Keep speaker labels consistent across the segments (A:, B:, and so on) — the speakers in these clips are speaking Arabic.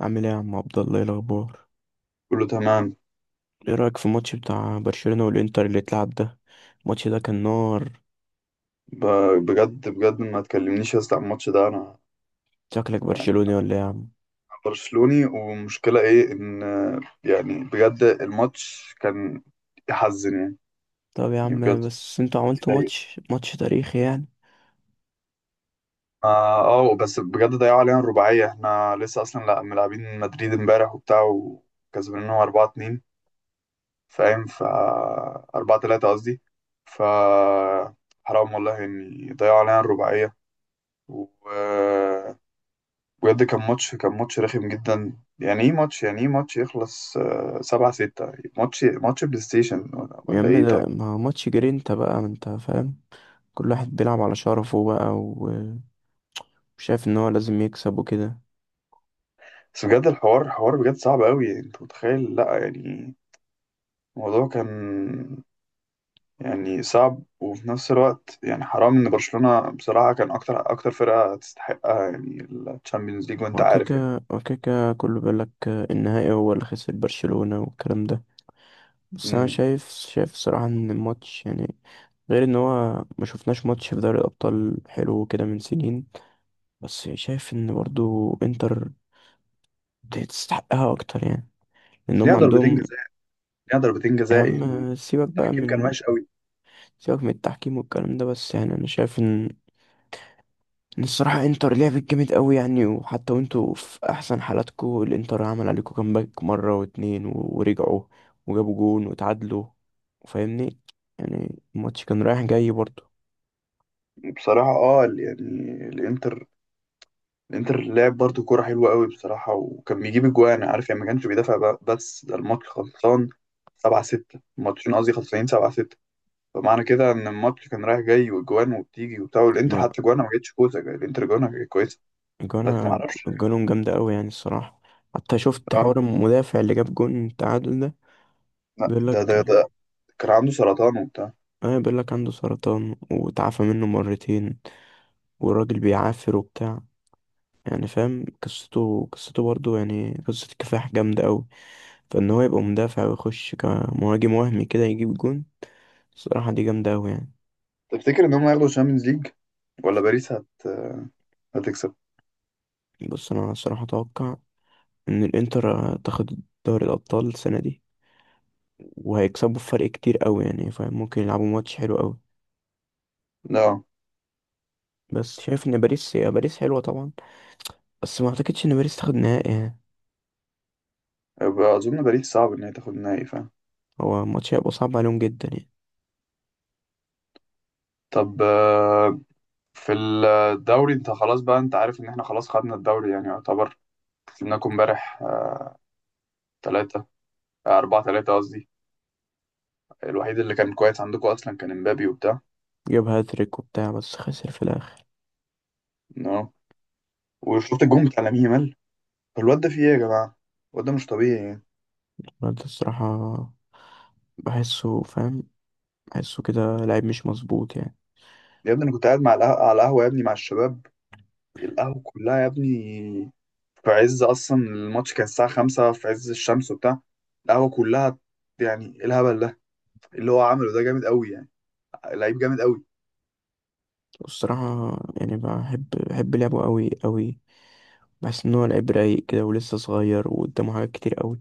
A: عامل ايه يا عم عبد الله؟ ايه الاخبار؟
B: كله تمام.
A: ايه رايك في الماتش بتاع برشلونه والانتر اللي اتلعب ده؟ الماتش ده كان نار.
B: ب- بجد بجد ما تكلمنيش يا اسطى عن الماتش ده انا،
A: شكلك
B: يعني
A: برشلوني ولا ايه يا عم؟
B: أنا برشلوني، ومشكلة ايه ان، يعني بجد الماتش كان يحزن يعني.
A: طب يا
B: يعني بجد
A: عم بس انتوا عملتوا
B: يضايق.
A: ماتش تاريخي يعني.
B: اه آه، بس بجد ضيعوا علينا الرباعية. احنا لسه اصلا لا ملاعبين مدريد امبارح وبتاع وكسبناهم 4-2، فاهم. 4-3 قصدي. ف حرام والله ان ضيعوا علينا الرباعية. و بجد كان ماتش، رخم جدا. يعني ايه ماتش يخلص آه، 7-6. ماتش بلاي ستيشن ولا,
A: يا
B: ولا
A: عم
B: ايه؟
A: ده
B: طيب،
A: ما ماتش جرينتا بقى، ما انت فاهم. كل واحد بيلعب على شرفه بقى وشايف ان هو لازم يكسب وكده.
B: بس بجد الحوار حوار بجد صعب قوي، انت متخيل؟ لا يعني الموضوع كان يعني صعب، وفي نفس الوقت يعني حرام ان برشلونة بصراحة كان اكتر اكتر فرقة تستحقها، يعني الشامبيونز ليج، وانت عارف يعني.
A: وكيكا كله بيقول لك النهائي هو اللي خسر برشلونه والكلام ده. بس انا
B: مم.
A: شايف صراحة ان الماتش يعني، غير ان هو ما شفناش ماتش في دوري الابطال حلو كده من سنين. بس شايف ان برضو انتر تستحقها اكتر يعني، ان
B: بس
A: هم
B: ليها ضربتين
A: عندهم.
B: جزاء، ليها ضربتين
A: يا
B: جزاء
A: عم
B: يعني. التحكيم كان وحش قوي.
A: سيبك من التحكيم والكلام ده. بس يعني انا شايف ان الصراحة انتر لعبت جامد قوي يعني، وحتى وانتوا في احسن حالاتكوا الانتر عمل عليكوا كامباك مرة واتنين ورجعوا وجابوا جون وتعادلوا. فاهمني؟ يعني الماتش كان رايح جاي برضو.
B: بصراحة يعني الانتر، لعب برضو كوره حلوه قوي بصراحه، وكان بيجيب اجوان، عارف يعني، ما كانش بيدافع، بس ده الماتش خلصان 7-6، الماتشين قصدي خلصانين 7-6. فمعنى كده ان الماتش كان رايح جاي، واجوان وبتيجي وبتاع، والانتر حتى جوانها ما جتش كويسه، الانتر جوانها كانت كويسه، بس ما
A: جانا
B: اعرفش.
A: جانهم جامدة أوي يعني الصراحة. حتى شفت
B: اه،
A: حوار المدافع اللي جاب جون التعادل ده،
B: لا، ده
A: بيقولك
B: ده ده كان عنده سرطان وبتاع.
A: اه بيقولك عنده سرطان وتعافى منه مرتين، والراجل بيعافر وبتاع، يعني فاهم قصته برضه، يعني قصة كفاح جامدة أوي. فإن هو يبقى مدافع ويخش كمهاجم وهمي كده يجيب جون، الصراحة دي جامدة أوي يعني.
B: تفتكر ان هم هياخدوا الشامبيونز ليج، ولا باريس هتكسب؟
A: بص أنا الصراحة أتوقع إن الإنتر تاخد دوري الأبطال السنة دي، وهيكسبوا فرق كتير أوي يعني، فممكن يلعبوا ماتش حلو أوي.
B: لا،
A: بس شايف ان باريس، يا باريس حلوة طبعا، بس ما اعتقدش ان باريس تاخد نهائي يعني.
B: يبقى اظن باريس صعب ان هي تاخد النهائي، فاهم؟
A: هو الماتش هيبقى صعب عليهم جدا يعني.
B: طب، في الدوري انت خلاص بقى، انت عارف ان احنا خلاص خدنا الدوري، يعني يعتبر. كسبناكم امبارح ثلاثة، 4-3 قصدي. الوحيد اللي كان كويس عندكم أصلا كان امبابي وبتاع.
A: جاب هاتريك وبتاع بس خسر في الاخر.
B: نو، وشفت الجون بتاع لامين يامال؟ الواد ده فيه إيه يا جماعة؟ الواد ده مش طبيعي يعني.
A: رد الصراحة، بحسه فاهم، بحسه كده لعيب مش مظبوط يعني.
B: يا ابني أنا كنت قاعد مع على القهوة يا ابني، مع الشباب، القهوة كلها يا ابني. في عز أصلا الماتش كان الساعة خمسة، في عز الشمس وبتاع، القهوة كلها. يعني إيه الهبل ده؟ اللي هو عمله ده جامد قوي يعني. لعيب جامد قوي.
A: والصراحة يعني بحب لعبه قوي قوي. بحس ان هو لعيب رايق كده ولسه صغير وقدامه حاجات كتير قوي.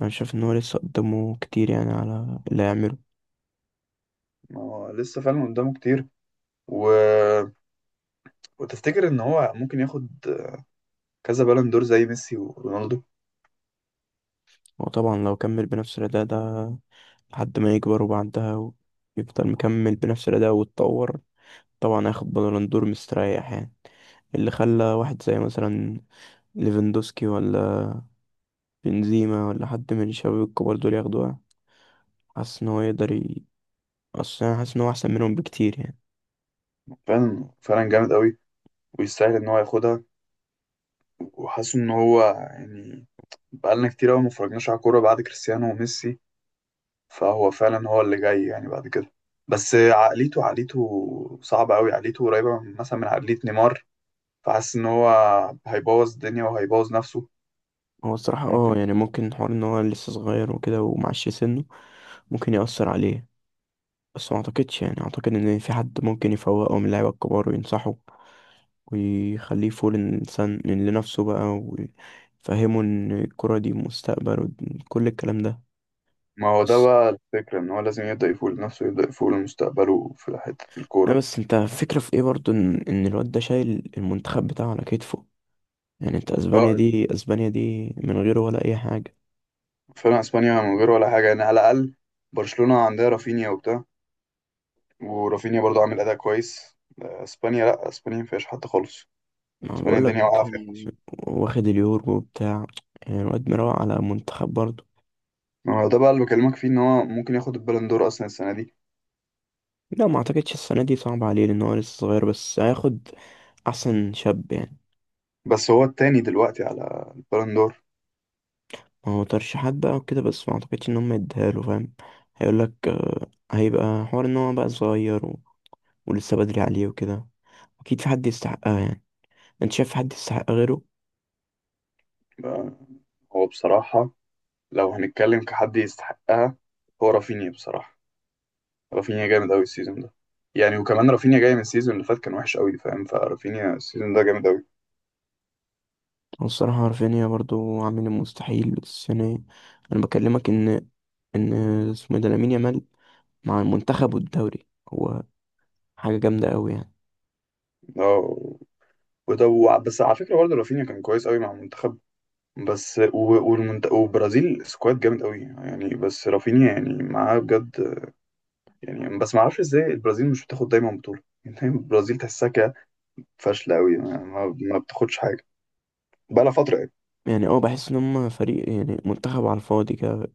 A: انا شايف ان هو لسه قدامه كتير يعني، على اللي هيعمله.
B: ما هو لسه فعلا قدامه كتير. و... وتفتكر ان هو ممكن ياخد كذا بالون دور زي ميسي ورونالدو؟
A: هو طبعا لو كمل بنفس الاداء ده لحد ما يكبر، وبعدها يفضل مكمل بنفس الأداء ويتطور، طبعا هياخد بالون دور مستريح يعني. اللي خلى واحد زي مثلا ليفاندوسكي، ولا بنزيما، ولا حد من الشباب الكبار دول ياخدوها. حاسس ان هو يقدر. اصل انا حاسس ان هو احسن منهم بكتير يعني.
B: فعلا فعلا جامد قوي، ويستاهل ان هو ياخدها. وحاسس ان هو يعني بقالنا كتير قوي ما اتفرجناش على كوره بعد كريستيانو وميسي، فهو فعلا هو اللي جاي يعني بعد كده. بس عقليته صعبه قوي، عقليته قريبه مثلا من عقليه نيمار، فحاسس ان هو هيبوظ الدنيا وهيبوظ نفسه.
A: هو الصراحة اه
B: ممكن.
A: يعني ممكن حوار ان هو لسه صغير وكده ومعش سنه، ممكن يأثر عليه. بس ما اعتقدش يعني، اعتقد ان في حد ممكن يفوقه من اللعيبة الكبار وينصحه ويخليه فول الإنسان لنفسه بقى، ويفهمه إن الكرة دي مستقبل وكل الكلام ده
B: ما هو ده
A: بس.
B: بقى الفكرة، إن هو لازم يبدأ يفوق لنفسه، يبدأ يفوق لمستقبله في حتة
A: لا
B: الكورة.
A: بس انت فكرة في ايه برضو، ان الواد ده شايل المنتخب بتاعه على كتفه. يعني انت
B: اه،
A: اسبانيا دي، اسبانيا دي من غيره ولا اي حاجة.
B: فعلا اسبانيا من غير ولا حاجه يعني، على الاقل برشلونه عندها رافينيا وبتاع، ورافينيا برضو عامل اداء كويس. آه، اسبانيا، لا، اسبانيا ما فيهاش حد خالص،
A: ما
B: اسبانيا
A: بقولك
B: الدنيا واقعه فيها
A: يعني.
B: خالص.
A: واخد اليورو بتاع، يعني الواد مروق على منتخب برضو.
B: هو ده بقى اللي بكلمك فيه، ان هو ممكن ياخد البالون دور اصلا السنه دي،
A: لا ما اعتقدش السنة دي، صعب عليه لان هو لسه صغير، بس هياخد احسن شاب يعني.
B: بس هو التاني دلوقتي على البالون دور.
A: ما هو ترشيحات بقى وكده، بس ما اعتقدش ان هم يديها له، فاهم. هيقولك آه، هيبقى حوار ان هو بقى صغير ولسه بدري عليه وكده. اكيد في حد يستحقها يعني، انت شايف في حد يستحق غيره؟
B: بقى، هو بصراحه لو هنتكلم كحد يستحقها، هو رافينيا بصراحه. رافينيا جامد قوي السيزون ده يعني، وكمان رافينيا جاي من السيزون اللي فات كان وحش قوي، فاهم؟ فرافينيا السيزون ده جامد قوي.
A: والصراحة رافينيا برضو عامل المستحيل بس يعني. أنا بكلمك إن اسمه إيه ده، لامين يامال مع المنتخب والدوري، هو حاجة جامدة أوي يعني.
B: اه، بس على فكره برضه رافينيا كان كويس قوي مع المنتخب، بس وبرازيل سكواد جامد قوي يعني، بس رافينيا يعني معاه بجد يعني. بس ما اعرفش ازاي البرازيل مش بتاخد دايما بطوله يعني، دايما البرازيل تحسها كده فاشله قوي، ما بتاخدش حاجه بقى لها فتره يعني.
A: يعني أه بحس إن هما فريق يعني، منتخب على الفاضي كده،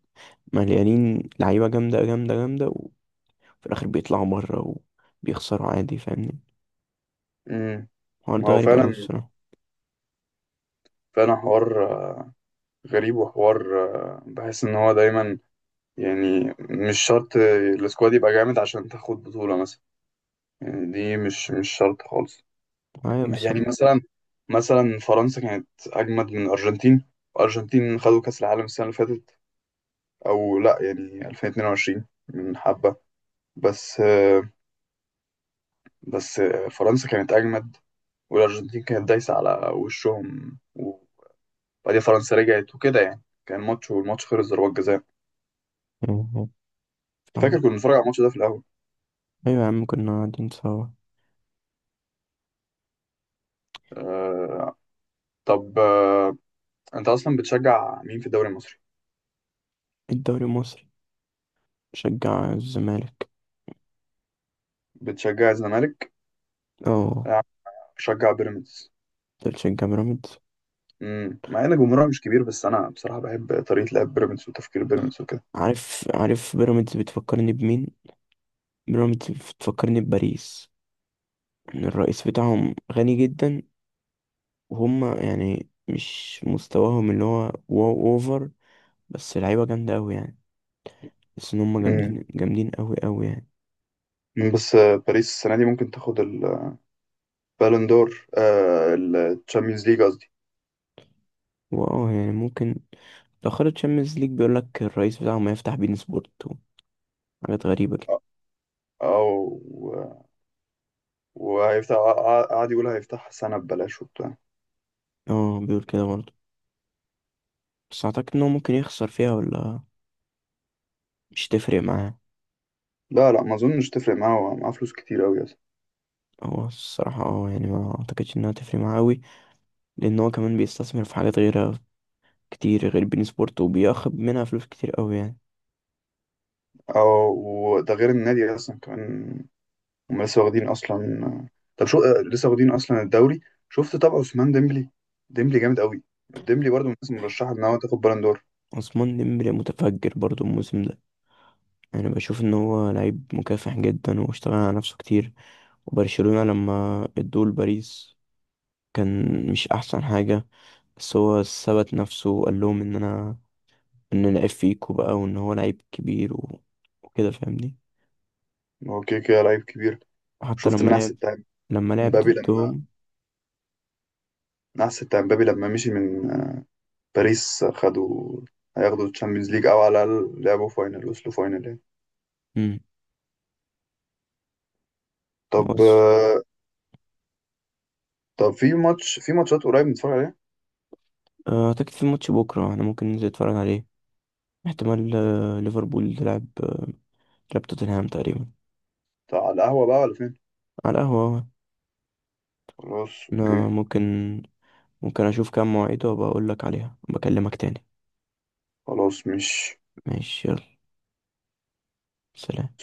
A: مليانين لعيبة جامدة جامدة جامدة، وفي الآخر بيطلعوا بره وبيخسروا عادي، فاهمني.
B: امم
A: الحوار
B: ما
A: ده
B: هو
A: غريب أوي
B: فعلا،
A: الصراحة.
B: فعلا حوار غريب، وحوار بحس ان هو دايما، يعني مش شرط السكواد يبقى جامد عشان تاخد بطوله مثلا، يعني دي مش شرط خالص.
A: أيوة
B: يعني
A: بالظبط.
B: مثلا فرنسا كانت اجمد من الارجنتين، الارجنتين خدوا كاس العالم السنه اللي فاتت، او لا يعني 2022 من حبه، بس بس فرنسا كانت اجمد، والارجنتين كانت دايسه على وشهم، وبعدين فرنسا رجعت وكده يعني، كان ماتش، والماتش خلص ضربات جزاء.
A: أيوة،
B: فاكر
A: فاهمك.
B: كنا بنتفرج على الماتش ده في الاول؟
A: أيوة يا عم كنا قاعدين سوا.
B: أه. طب، انت اصلا بتشجع مين في الدوري المصري؟
A: الدوري المصري، بشجع الزمالك.
B: بتشجع الزمالك.
A: أه.
B: أنا بشجع بيراميدز.
A: أنت بتشجع بيراميدز؟
B: مع ان جمهورها مش كبير، بس انا بصراحه بحب طريقه لعب بيراميدز وتفكير بيراميدز وكده.
A: عارف بيراميدز بتفكرني بمين؟ بيراميدز بتفكرني بباريس، ان الرئيس بتاعهم غني جدا، وهم يعني مش مستواهم اللي هو واو اوفر، بس لعيبه جامده قوي يعني، بس ان هم
B: امم
A: جامدين جامدين قوي قوي يعني.
B: بس باريس السنه دي ممكن تاخد البالون دور. آه، الشامبيونز ليج قصدي.
A: واه يعني ممكن. لو خدت تشامبيونز ليج بيقول لك الرئيس بتاعهم هيفتح بين سبورت، حاجات غريبه كده.
B: او وهيفتح قاعد يقول هيفتح سنه ببلاش وبتاع.
A: اه بيقول كده برضه. بس اعتقد ان هو ممكن يخسر فيها، ولا مش تفرق معاه.
B: لا لا، ما اظنش تفرق معاه، هو معاه فلوس كتير قوي اصلا.
A: هو الصراحه اه يعني ما اعتقدش انها تفرق معاه قوي، لان هو كمان بيستثمر في حاجات غيرها كتير غير بين سبورت، وبياخد منها فلوس كتير قوي يعني.
B: او ده غير النادي اصلا كمان، هم لسه واخدين اصلا. طب، شو آه، لسه واخدين اصلا الدوري. شفت طبعا عثمان ديمبلي؟ ديمبلي جامد قوي، ديمبلي برضه من الناس المرشحه ان هو تاخد بالون دور.
A: عثمان ديمبلي متفجر برضو الموسم ده. انا بشوف ان هو لعيب مكافح جدا واشتغل على نفسه كتير، وبرشلونة لما ادوه لباريس كان مش احسن حاجة، بس هو ثبت نفسه وقال لهم ان أنا لعيب فيكو بقى، وان هو لعيب كبير وكده فاهمني.
B: هو كده كده لعيب كبير.
A: وحتى
B: شفت النحس بتاع
A: لما لعب
B: مبابي لما،
A: ضدهم.
B: مشي من باريس، هياخدوا الشامبيونز ليج، او على الاقل لعبوا فاينل، وصلوا فاينل يعني.
A: امم
B: طب،
A: بص،
B: في ماتشات قريب نتفرج عليها؟
A: اعتقد في ماتش بكرة انا ممكن ننزل نتفرج عليه. احتمال ليفربول تلعب توتنهام تقريبا.
B: طب على القهوة بقى، ولا فين؟
A: على القهوة أهو.
B: خلاص اوكي.
A: أنا ممكن أشوف كام مواعيد وأبقى أقول لك عليها، بكلمك تاني.
B: خلاص مش
A: ماشي يلا، سلام.